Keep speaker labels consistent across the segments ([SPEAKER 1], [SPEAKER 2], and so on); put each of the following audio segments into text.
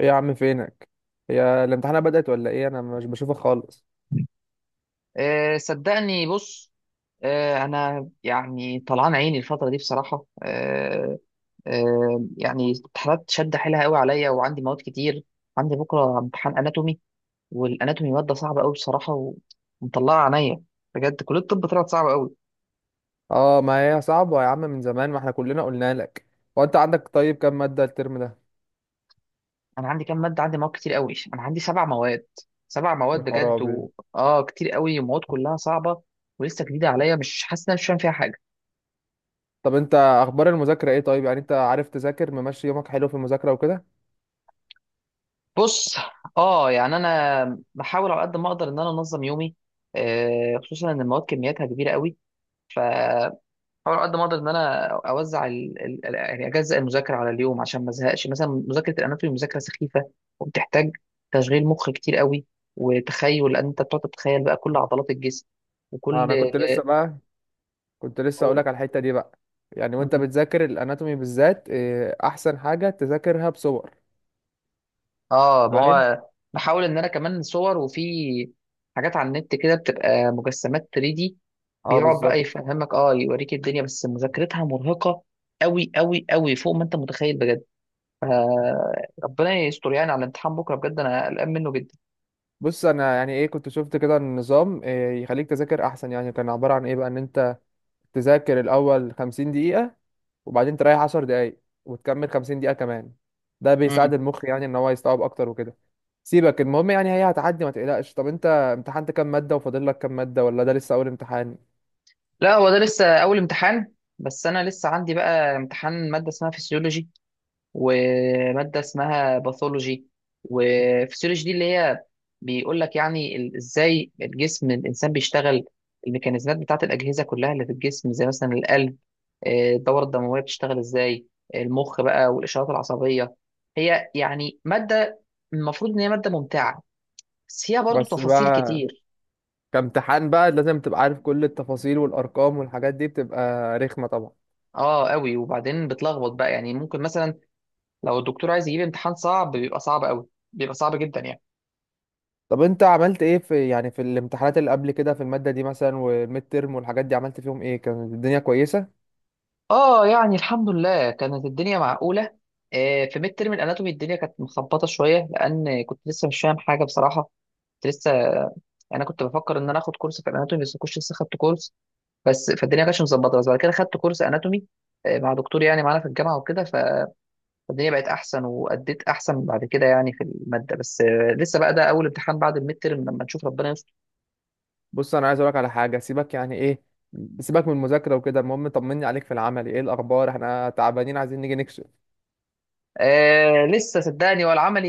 [SPEAKER 1] ايه يا عم، فينك؟ هي الامتحانات بدأت ولا ايه؟ انا مش بشوفك خالص.
[SPEAKER 2] صدقني. بص، انا يعني طلعان عيني الفتره دي بصراحه. أه أه يعني امتحانات شد حيلها قوي عليا، وعندي مواد كتير. عندي بكره امتحان اناتومي، والاناتومي ماده صعبه قوي بصراحه ومطلعه عينيا. بجد كليه الطب طلعت صعبه قوي.
[SPEAKER 1] اه، ما هي صعبة يا عم، من زمان ما احنا كلنا قلنا لك. هو انت عندك طيب كام مادة الترم ده؟
[SPEAKER 2] انا عندي كام ماده؟ عندي مواد كتير قوي، انا عندي سبع مواد. سبع
[SPEAKER 1] يا
[SPEAKER 2] مواد بجد
[SPEAKER 1] خرابي.
[SPEAKER 2] و... اه كتير قوي، ومواد كلها صعبه ولسه جديده عليا. مش حاسس ان انا مش فاهم فيها حاجه.
[SPEAKER 1] طب انت اخبار المذاكرة ايه؟ طيب يعني انت عارف تذاكر، ممشي يومك حلو في المذاكرة وكده؟
[SPEAKER 2] بص، اه يعني انا بحاول على قد ما اقدر ان انا انظم يومي. خصوصا ان المواد كمياتها كبيره قوي، فبحاول على قد ما اقدر ان انا اوزع يعني اجزأ المذاكره على اليوم عشان ما ازهقش. مثلا مذاكره الاناتومي مذاكره سخيفه، وبتحتاج تشغيل مخ كتير قوي، وتخيل. لان انت بتقعد تتخيل بقى كل عضلات الجسم وكل...
[SPEAKER 1] انا كنت لسه بقى. كنت لسه اقولك على الحتة دي بقى. يعني وانت
[SPEAKER 2] قول.
[SPEAKER 1] بتذاكر الاناتومي بالذات، احسن حاجة تذاكرها بصور.
[SPEAKER 2] اه ما
[SPEAKER 1] فاهم؟
[SPEAKER 2] هو بحاول ان انا كمان صور، وفي حاجات على النت كده بتبقى مجسمات 3D دي.
[SPEAKER 1] اه،
[SPEAKER 2] بيقعد
[SPEAKER 1] بالظبط.
[SPEAKER 2] بقى يفهمك، يوريك الدنيا، بس مذاكرتها مرهقة قوي قوي قوي فوق ما انت متخيل بجد. آه ربنا يستر يعني على الامتحان بكرة، بجد انا قلقان منه جدا.
[SPEAKER 1] بص، انا يعني ايه كنت شفت كده النظام إيه يخليك تذاكر احسن، يعني كان عبارة عن ايه بقى ان انت تذاكر الأول 50 دقيقة، وبعدين تريح 10 دقايق، وتكمل 50 دقيقة كمان. ده بيساعد
[SPEAKER 2] امم
[SPEAKER 1] المخ يعني إن هو يستوعب أكتر وكده. سيبك، المهم يعني هي هتعدي ما تقلقش. طب أنت امتحنت كام مادة وفاضل لك كام مادة، ولا ده لسه أول امتحان؟
[SPEAKER 2] لا، هو ده لسه اول امتحان، بس انا لسه عندي بقى امتحان مادة اسمها فيسيولوجي وماده اسمها باثولوجي. وفسيولوجي دي اللي هي بيقول لك يعني ازاي الجسم الانسان بيشتغل، الميكانيزمات بتاعه الاجهزه كلها اللي في الجسم، زي مثلا القلب. الدوره الدمويه بتشتغل ازاي، المخ بقى والاشارات العصبيه. هي يعني ماده المفروض ان هي ماده ممتعه، بس فيها برضو
[SPEAKER 1] بس
[SPEAKER 2] تفاصيل
[SPEAKER 1] بقى
[SPEAKER 2] كتير.
[SPEAKER 1] كامتحان بقى لازم تبقى عارف كل التفاصيل والأرقام والحاجات دي، بتبقى رخمة طبعا.
[SPEAKER 2] اه قوي. وبعدين بتلخبط بقى، يعني ممكن مثلا لو الدكتور عايز يجيب امتحان صعب بيبقى صعب قوي، بيبقى صعب جدا يعني.
[SPEAKER 1] طب أنت عملت إيه في، يعني في الامتحانات اللي قبل كده في المادة دي مثلا والميد تيرم والحاجات دي، عملت فيهم إيه؟ كانت الدنيا كويسة؟
[SPEAKER 2] اه، يعني الحمد لله كانت الدنيا معقولة. في ميد ترم الاناتومي الدنيا كانت مخبطة شوية، لان كنت لسه مش فاهم حاجة بصراحة. كنت لسه يعني انا كنت بفكر ان انا اخد كورس في الاناتومي، بس ما كنتش لسه خدت كورس. بس فالدنيا ما كانتش مظبطة، بس بعد كده خدت كورس اناتومي مع دكتور يعني معانا في الجامعة وكده. فالدنيا بقت احسن واديت احسن بعد كده يعني في المادة. بس لسه بقى ده اول امتحان بعد الميد ترم، لما نشوف ربنا يستر.
[SPEAKER 1] بص، انا عايز اقولك على حاجه. سيبك يعني ايه، سيبك من المذاكره وكده. المهم طمني عليك، في العمل ايه الاخبار؟ احنا تعبانين عايزين نيجي نكشف.
[SPEAKER 2] لسه صدقني. والعملي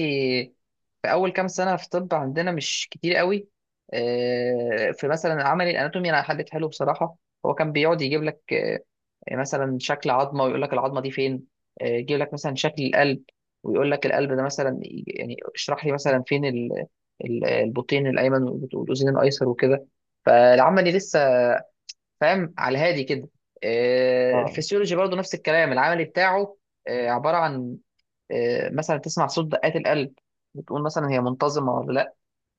[SPEAKER 2] في اول كام سنه في طب عندنا مش كتير قوي. في مثلا عملي الاناتومي، انا حليت حلو بصراحه. هو كان بيقعد يجيب لك مثلا شكل عظمه ويقول لك العظمه دي فين. يجيب لك مثلا شكل القلب ويقول لك القلب ده، مثلا يعني اشرح لي مثلا فين البطين الايمن والاذين الايسر وكده. فالعملي لسه فاهم على هادي كده.
[SPEAKER 1] اه.
[SPEAKER 2] الفسيولوجي برضه نفس الكلام، العملي بتاعه عباره عن مثلا تسمع صوت دقات القلب، بتقول مثلا هي منتظمه ولا لا.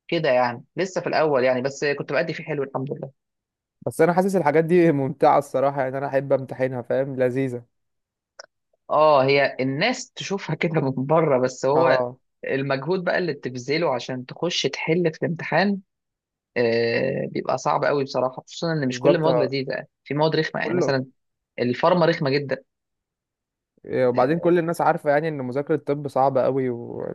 [SPEAKER 2] كده يعني لسه في الاول يعني، بس كنت بأدي فيه حلو الحمد لله.
[SPEAKER 1] بس انا حاسس الحاجات دي ممتعه الصراحه، يعني انا احب امتحنها، فاهم؟ لذيذه.
[SPEAKER 2] اه، هي الناس تشوفها كده من بره، بس هو
[SPEAKER 1] اه،
[SPEAKER 2] المجهود بقى اللي بتبذله عشان تخش تحل في الامتحان بيبقى صعب قوي بصراحه، خصوصا ان مش كل
[SPEAKER 1] بالظبط.
[SPEAKER 2] المواد
[SPEAKER 1] آه.
[SPEAKER 2] لذيذه يعني، في مواد رخمه يعني
[SPEAKER 1] كله.
[SPEAKER 2] مثلا الفارما رخمه جدا.
[SPEAKER 1] وبعدين كل الناس عارفه يعني ان مذاكره الطب صعبه قوي.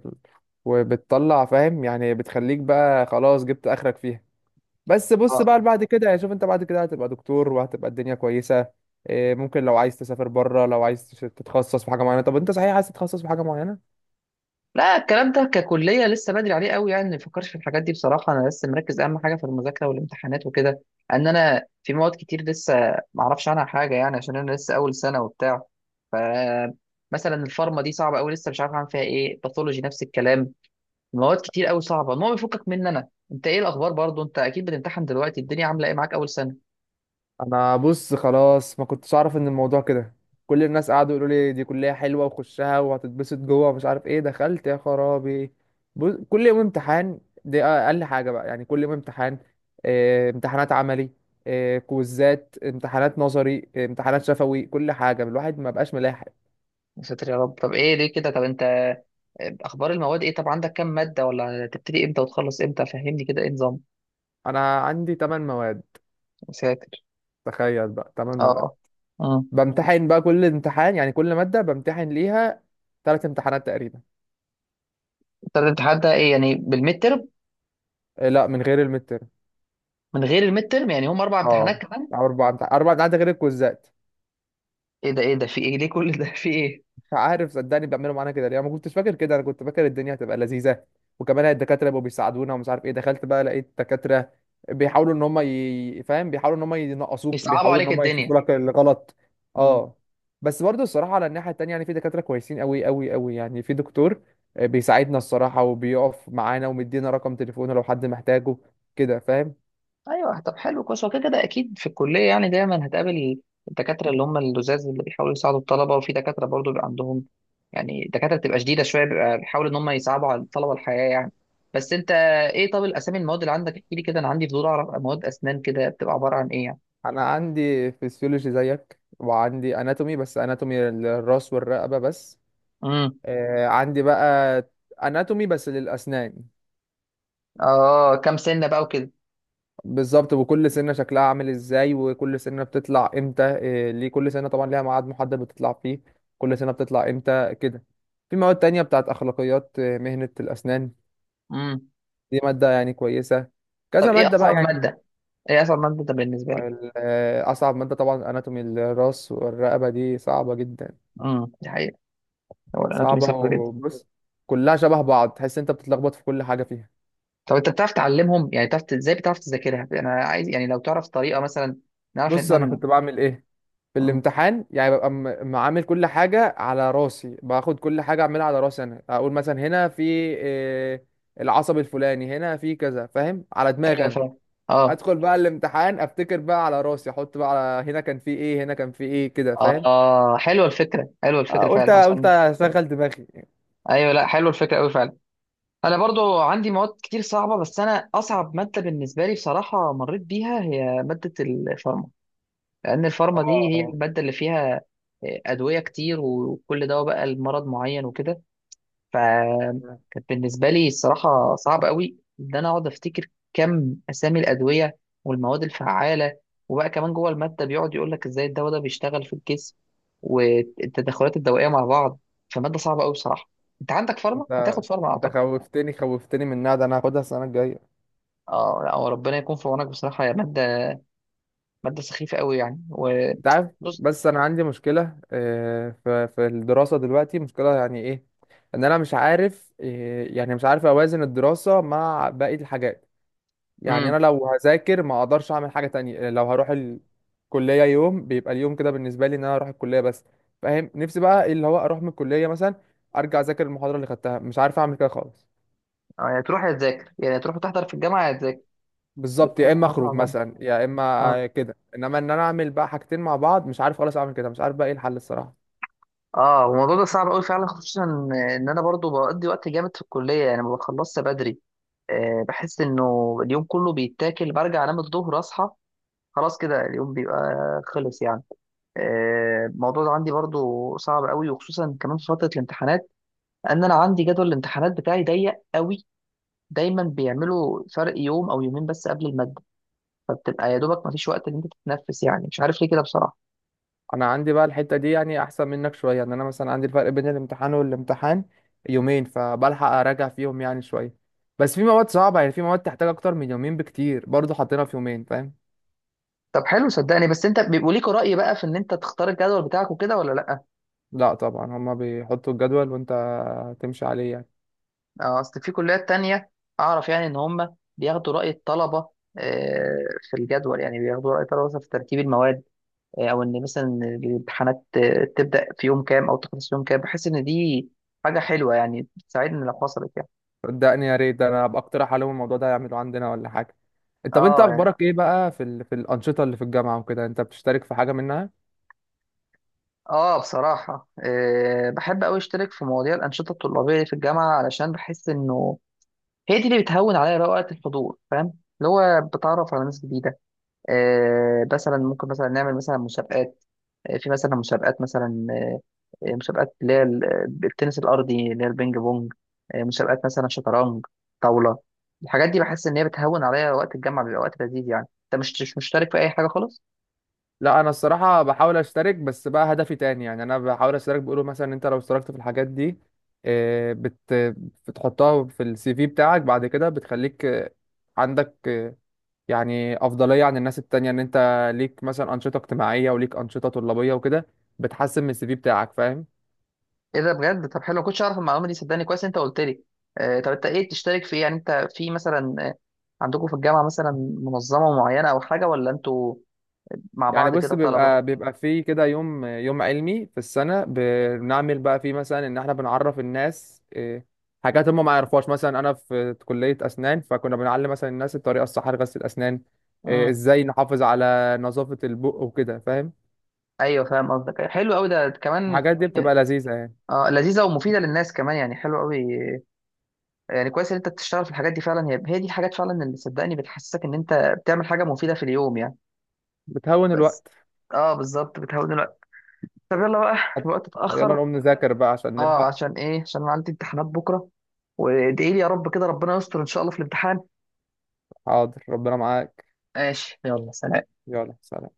[SPEAKER 1] وبتطلع فاهم يعني، بتخليك بقى خلاص جبت اخرك فيها. بس بص بقى،
[SPEAKER 2] اه
[SPEAKER 1] بعد كده يعني شوف انت بعد كده هتبقى دكتور وهتبقى الدنيا كويسة. ممكن لو عايز تسافر بره، لو عايز تتخصص في حاجة معينة. طب انت صحيح عايز تتخصص في حاجة معينة؟
[SPEAKER 2] لا، الكلام ده ككلية لسه بدري عليه قوي، يعني ما بفكرش في الحاجات دي بصراحة. أنا لسه مركز أهم حاجة في المذاكرة والامتحانات وكده. إن أنا في مواد كتير لسه ما أعرفش عنها حاجة، يعني عشان أنا لسه أول سنة وبتاع. ف مثلا الفارما دي صعبة قوي، لسه مش عارف أعمل فيها إيه. باثولوجي نفس الكلام، مواد كتير قوي صعبة. المهم بيفكك مني أنا، أنت إيه الأخبار؟ برضو أنت أكيد بتمتحن دلوقتي، الدنيا عاملة إيه معاك؟ أول سنة.
[SPEAKER 1] انا بص، خلاص ما كنتش اعرف ان الموضوع كده. كل الناس قعدوا يقولوا لي دي كلية حلوة وخشها وهتتبسط جوه ومش عارف ايه، دخلت يا خرابي. بص، كل يوم امتحان. دي اقل حاجة بقى يعني، كل يوم امتحان. امتحانات عملي، كويزات امتحانات نظري، امتحانات شفوي، كل حاجة. الواحد ما بقاش ملاحق.
[SPEAKER 2] يا ساتر يا رب، طب إيه ليه كده؟ طب أنت أخبار المواد إيه؟ طب عندك كام مادة؟ ولا تبتدي إمتى وتخلص إمتى؟ فهمني كده إيه
[SPEAKER 1] انا عندي 8 مواد.
[SPEAKER 2] نظام.
[SPEAKER 1] تخيل بقى 8 مواد.
[SPEAKER 2] اه. امم
[SPEAKER 1] بامتحن بقى كل امتحان، يعني كل مادة بامتحن ليها 3 امتحانات تقريبا.
[SPEAKER 2] انت بتتحدى ايه يعني بالميد ترم؟
[SPEAKER 1] إيه؟ لا، من غير المتر.
[SPEAKER 2] من غير الميد ترم، يعني هم اربع امتحانات
[SPEAKER 1] اه،
[SPEAKER 2] كمان؟
[SPEAKER 1] أو اربع امتحانات غير الكوزات.
[SPEAKER 2] ايه ده؟ ايه ده؟ في ايه؟ ليه كل ده؟ في ايه؟
[SPEAKER 1] مش عارف صدقني، بيعملوا معانا كده ليه؟ انا ما كنتش فاكر كده، انا كنت فاكر الدنيا هتبقى لذيذه. وكمان الدكاتره بيبقوا بيساعدونا ومش عارف ايه. دخلت بقى لقيت دكاتره بيحاولوا ان هم فاهم، بيحاولوا ان هم ينقصوك،
[SPEAKER 2] يصعبوا
[SPEAKER 1] بيحاولوا ان
[SPEAKER 2] عليك
[SPEAKER 1] هم
[SPEAKER 2] الدنيا.
[SPEAKER 1] يشوفوا لك الغلط.
[SPEAKER 2] امم
[SPEAKER 1] اه، بس برضه الصراحه على الناحيه التانيه، يعني في دكاتره كويسين قوي قوي قوي، يعني في دكتور بيساعدنا الصراحه وبيقف معانا ومدينا رقم تليفونه لو حد محتاجه، كده فاهم؟
[SPEAKER 2] ايوه. طب حلو كويس. هو كده كده اكيد في الكليه، يعني دايما هتقابل الدكاتره اللي هم اللزاز اللي بيحاولوا يساعدوا الطلبه، وفي دكاتره برضو بيبقى عندهم، يعني الدكاتره بتبقى شديده شويه، بيبقى بيحاولوا ان هم يصعبوا على الطلبه الحياه يعني. بس انت ايه؟ طب الاسامي المواد اللي عندك احكي لي كده، انا عندي فضول اعرف مواد اسنان كده بتبقى عباره عن ايه يعني.
[SPEAKER 1] انا عندي فيسيولوجي زيك، وعندي اناتومي بس اناتومي الراس والرقبه بس.
[SPEAKER 2] امم
[SPEAKER 1] عندي بقى اناتومي بس للاسنان.
[SPEAKER 2] اه، كام سنه بقى وكده.
[SPEAKER 1] بالظبط، وكل سنه شكلها عامل ازاي، وكل سنه بتطلع امتى، ليه كل سنه طبعا ليها ميعاد محدد بتطلع فيه، كل سنه بتطلع امتى كده. في مواد تانية بتاعت اخلاقيات مهنه الاسنان.
[SPEAKER 2] امم
[SPEAKER 1] دي ماده يعني كويسه، كذا
[SPEAKER 2] طب ايه
[SPEAKER 1] ماده بقى
[SPEAKER 2] اصعب
[SPEAKER 1] يعني.
[SPEAKER 2] ماده؟ ايه اصعب ماده ده بالنسبه لي؟
[SPEAKER 1] اصعب ماده طبعا اناتومي الراس والرقبه دي صعبه جدا.
[SPEAKER 2] دي حقيقه، هو الاناتومي
[SPEAKER 1] صعبه.
[SPEAKER 2] صعب جدا.
[SPEAKER 1] وبص كلها شبه بعض، تحس انت بتتلخبط في كل حاجه فيها.
[SPEAKER 2] طب انت بتعرف تعلمهم؟ يعني بتعرف ازاي بتعرف تذاكرها؟ انا عايز يعني لو تعرف طريقه مثلا نعرف ان
[SPEAKER 1] بص
[SPEAKER 2] احنا
[SPEAKER 1] انا كنت بعمل ايه في
[SPEAKER 2] مم.
[SPEAKER 1] الامتحان، يعني ببقى معامل كل حاجة على راسي، باخد كل حاجة أعملها على راسي أنا، أقول مثلا هنا في العصب الفلاني، هنا في كذا، فاهم على دماغي
[SPEAKER 2] ايوه
[SPEAKER 1] أنا.
[SPEAKER 2] فعلا. اه.
[SPEAKER 1] أدخل بقى الامتحان، أفتكر بقى على راسي، أحط بقى على هنا كان في إيه، هنا كان في إيه، كده فاهم؟
[SPEAKER 2] اه، حلوه الفكره، حلوه الفكره
[SPEAKER 1] قلت
[SPEAKER 2] فعلا
[SPEAKER 1] قلت
[SPEAKER 2] عشان...
[SPEAKER 1] أشغل دماغي.
[SPEAKER 2] ايوه لا، حلوه الفكره قوي فعلا. انا برضو عندي مواد كتير صعبه، بس انا اصعب ماده بالنسبه لي بصراحه مريت بيها هي ماده الفارما. لان الفارما دي هي
[SPEAKER 1] اه.
[SPEAKER 2] الماده اللي فيها ادويه كتير، وكل دواء بقى لمرض معين وكده. فكانت
[SPEAKER 1] آه.
[SPEAKER 2] بالنسبة لي الصراحة صعب قوي إن أنا أقعد أفتكر كم أسامي الأدوية والمواد الفعالة. وبقى كمان جوه المادة بيقعد يقول لك إزاي الدواء ده بيشتغل في الجسم، والتدخلات الدوائية مع بعض. فمادة صعبة قوي بصراحة. أنت عندك فارما؟
[SPEAKER 1] أنت
[SPEAKER 2] هتاخد فارما
[SPEAKER 1] أنت
[SPEAKER 2] أعتقد.
[SPEAKER 1] خوفتني من ده، أنا هاخدها السنة الجاية.
[SPEAKER 2] أه لا، هو ربنا يكون في عونك بصراحة، يا مادة، مادة سخيفة قوي يعني. و...
[SPEAKER 1] انت عارف.
[SPEAKER 2] بص.
[SPEAKER 1] بس انا عندي مشكله، في الدراسه دلوقتي، مشكله يعني ايه، ان انا مش عارف، يعني مش عارف اوازن الدراسه مع باقي الحاجات. يعني
[SPEAKER 2] امم
[SPEAKER 1] انا لو هذاكر ما اقدرش اعمل حاجه تانية، لو هروح الكليه يوم بيبقى اليوم كده بالنسبه لي ان انا اروح الكليه بس. فاهم؟ نفسي بقى إيه اللي هو اروح من الكليه مثلا، ارجع اذاكر المحاضره اللي خدتها، مش عارف اعمل كده خالص.
[SPEAKER 2] يعني تروح يا تذاكر، يعني تروح تحضر في الجامعة يا تذاكر،
[SPEAKER 1] بالظبط،
[SPEAKER 2] بتكون
[SPEAKER 1] يا اما
[SPEAKER 2] ملهاش
[SPEAKER 1] اخرج
[SPEAKER 2] مع بعض.
[SPEAKER 1] مثلا يا اما.
[SPEAKER 2] اه.
[SPEAKER 1] كده انما ان انا اعمل بقى حاجتين مع بعض، مش عارف خالص اعمل كده، مش عارف بقى ايه الحل الصراحه.
[SPEAKER 2] اه، هو الموضوع ده صعب قوي فعلا، خصوصا ان انا برضو بقضي وقت جامد في الكليه يعني ما بخلصش بدري. بحس انه اليوم كله بيتاكل، برجع انام الظهر اصحى خلاص كده اليوم بيبقى خلص يعني. الموضوع ده عندي برضو صعب قوي، وخصوصا كمان في فتره الامتحانات، ان انا عندي جدول الامتحانات بتاعي ضيق قوي. دايما بيعملوا فرق يوم او يومين بس قبل الماده، فبتبقى يا دوبك ما فيش وقت ان انت تتنفس. يعني مش عارف ليه كده بصراحه.
[SPEAKER 1] انا عندي بقى الحته دي يعني احسن منك شويه، ان انا مثلا عندي الفرق بين الامتحان والامتحان يومين، فبلحق اراجع فيهم يعني شويه. بس في مواد صعبه، يعني في مواد تحتاج اكتر من يومين بكتير، برضه حاطينها في يومين، فاهم؟
[SPEAKER 2] طب حلو صدقني. بس انت بيبقوا ليك رأي بقى في ان انت تختار الجدول بتاعك وكده ولا لا؟
[SPEAKER 1] لا طبعا، هما بيحطوا الجدول وانت تمشي عليه يعني.
[SPEAKER 2] اصل في كليات تانية اعرف يعني ان هم بياخدوا رأي الطلبة آه، في الجدول، يعني بياخدوا رأي الطلبة مثلا في ترتيب المواد او ان مثلا الامتحانات تبدأ في يوم كام او تخلص في يوم كام. بحس ان دي حاجة حلوة، يعني بتساعدني لو حصلت يعني.
[SPEAKER 1] صدقني يا ريت، ده انا هبقى اقترح عليهم الموضوع ده يعملوه عندنا ولا حاجه. طب انت
[SPEAKER 2] اه يعني.
[SPEAKER 1] اخبارك ايه بقى، في الانشطه اللي في الجامعه وكده، انت بتشترك في حاجه منها؟
[SPEAKER 2] اه بصراحة بحب قوي اشترك في مواضيع الأنشطة الطلابية اللي في الجامعة، علشان بحس انه هي دي اللي بتهون عليا بقى وقت الحضور فاهم. اللي هو بتعرف على ناس جديدة مثلا ممكن مثلا نعمل مثلا مسابقات في مثلا مسابقات مثلا مسابقات اللي هي التنس الأرضي اللي هي البينج بونج مسابقات مثلا شطرنج، طاولة. الحاجات دي بحس إن هي بتهون عليا وقت الجامعة، بيبقى وقت لذيذ يعني. أنت مش مشترك في أي حاجة خالص؟
[SPEAKER 1] لا، انا الصراحه بحاول اشترك بس بقى هدفي تاني، يعني انا بحاول اشترك بيقولوا مثلا انت لو اشتركت في الحاجات دي آه، بت بتحطها في CV بتاعك بعد كده بتخليك عندك يعني افضليه عن الناس التانية ان انت ليك مثلا انشطه اجتماعيه وليك انشطه طلابيه وكده. بتحسن من CV بتاعك، فاهم؟
[SPEAKER 2] إيه ده بجد؟ طب حلو، ما كنتش أعرف المعلومة دي صدقني، كويس أنت قلت لي. طب أنت إيه بتشترك في إيه؟ يعني أنت في مثلا عندكم في الجامعة مثلا منظمة معينة أو حاجة، ولا أنتوا مع
[SPEAKER 1] يعني
[SPEAKER 2] بعض
[SPEAKER 1] بص،
[SPEAKER 2] كده طلبة؟
[SPEAKER 1] بيبقى فيه كده يوم يوم علمي في السنة، بنعمل بقى فيه مثلا ان احنا بنعرف الناس حاجات هم ما يعرفوهاش، مثلا انا في كلية اسنان فكنا بنعلم مثلا الناس الطريقة الصح لغسل الاسنان. ازاي نحافظ على نظافة البق وكده، فاهم؟
[SPEAKER 2] ايوه فاهم قصدك. أيوة، حلو قوي ده كمان.
[SPEAKER 1] الحاجات دي
[SPEAKER 2] يعني
[SPEAKER 1] بتبقى لذيذة يعني.
[SPEAKER 2] اه، لذيذه ومفيده للناس كمان، يعني حلو قوي. يعني كويس ان انت بتشتغل في الحاجات دي فعلا. هي هي دي الحاجات فعلا اللي صدقني بتحسسك ان انت بتعمل حاجه مفيده في اليوم يعني.
[SPEAKER 1] بتهون
[SPEAKER 2] بس
[SPEAKER 1] الوقت.
[SPEAKER 2] اه، بالظبط بتهون الوقت. طب يلا بقى، الوقت
[SPEAKER 1] يلا
[SPEAKER 2] اتاخر.
[SPEAKER 1] نقوم نذاكر بقى عشان
[SPEAKER 2] اه
[SPEAKER 1] نلحق.
[SPEAKER 2] عشان ايه؟ عشان أنا عندي امتحانات بكره. وادعي لي يا رب كده، ربنا يستر ان شاء الله في الامتحان.
[SPEAKER 1] حاضر، ربنا معاك.
[SPEAKER 2] ماشي يلا سلام.
[SPEAKER 1] يلا سلام.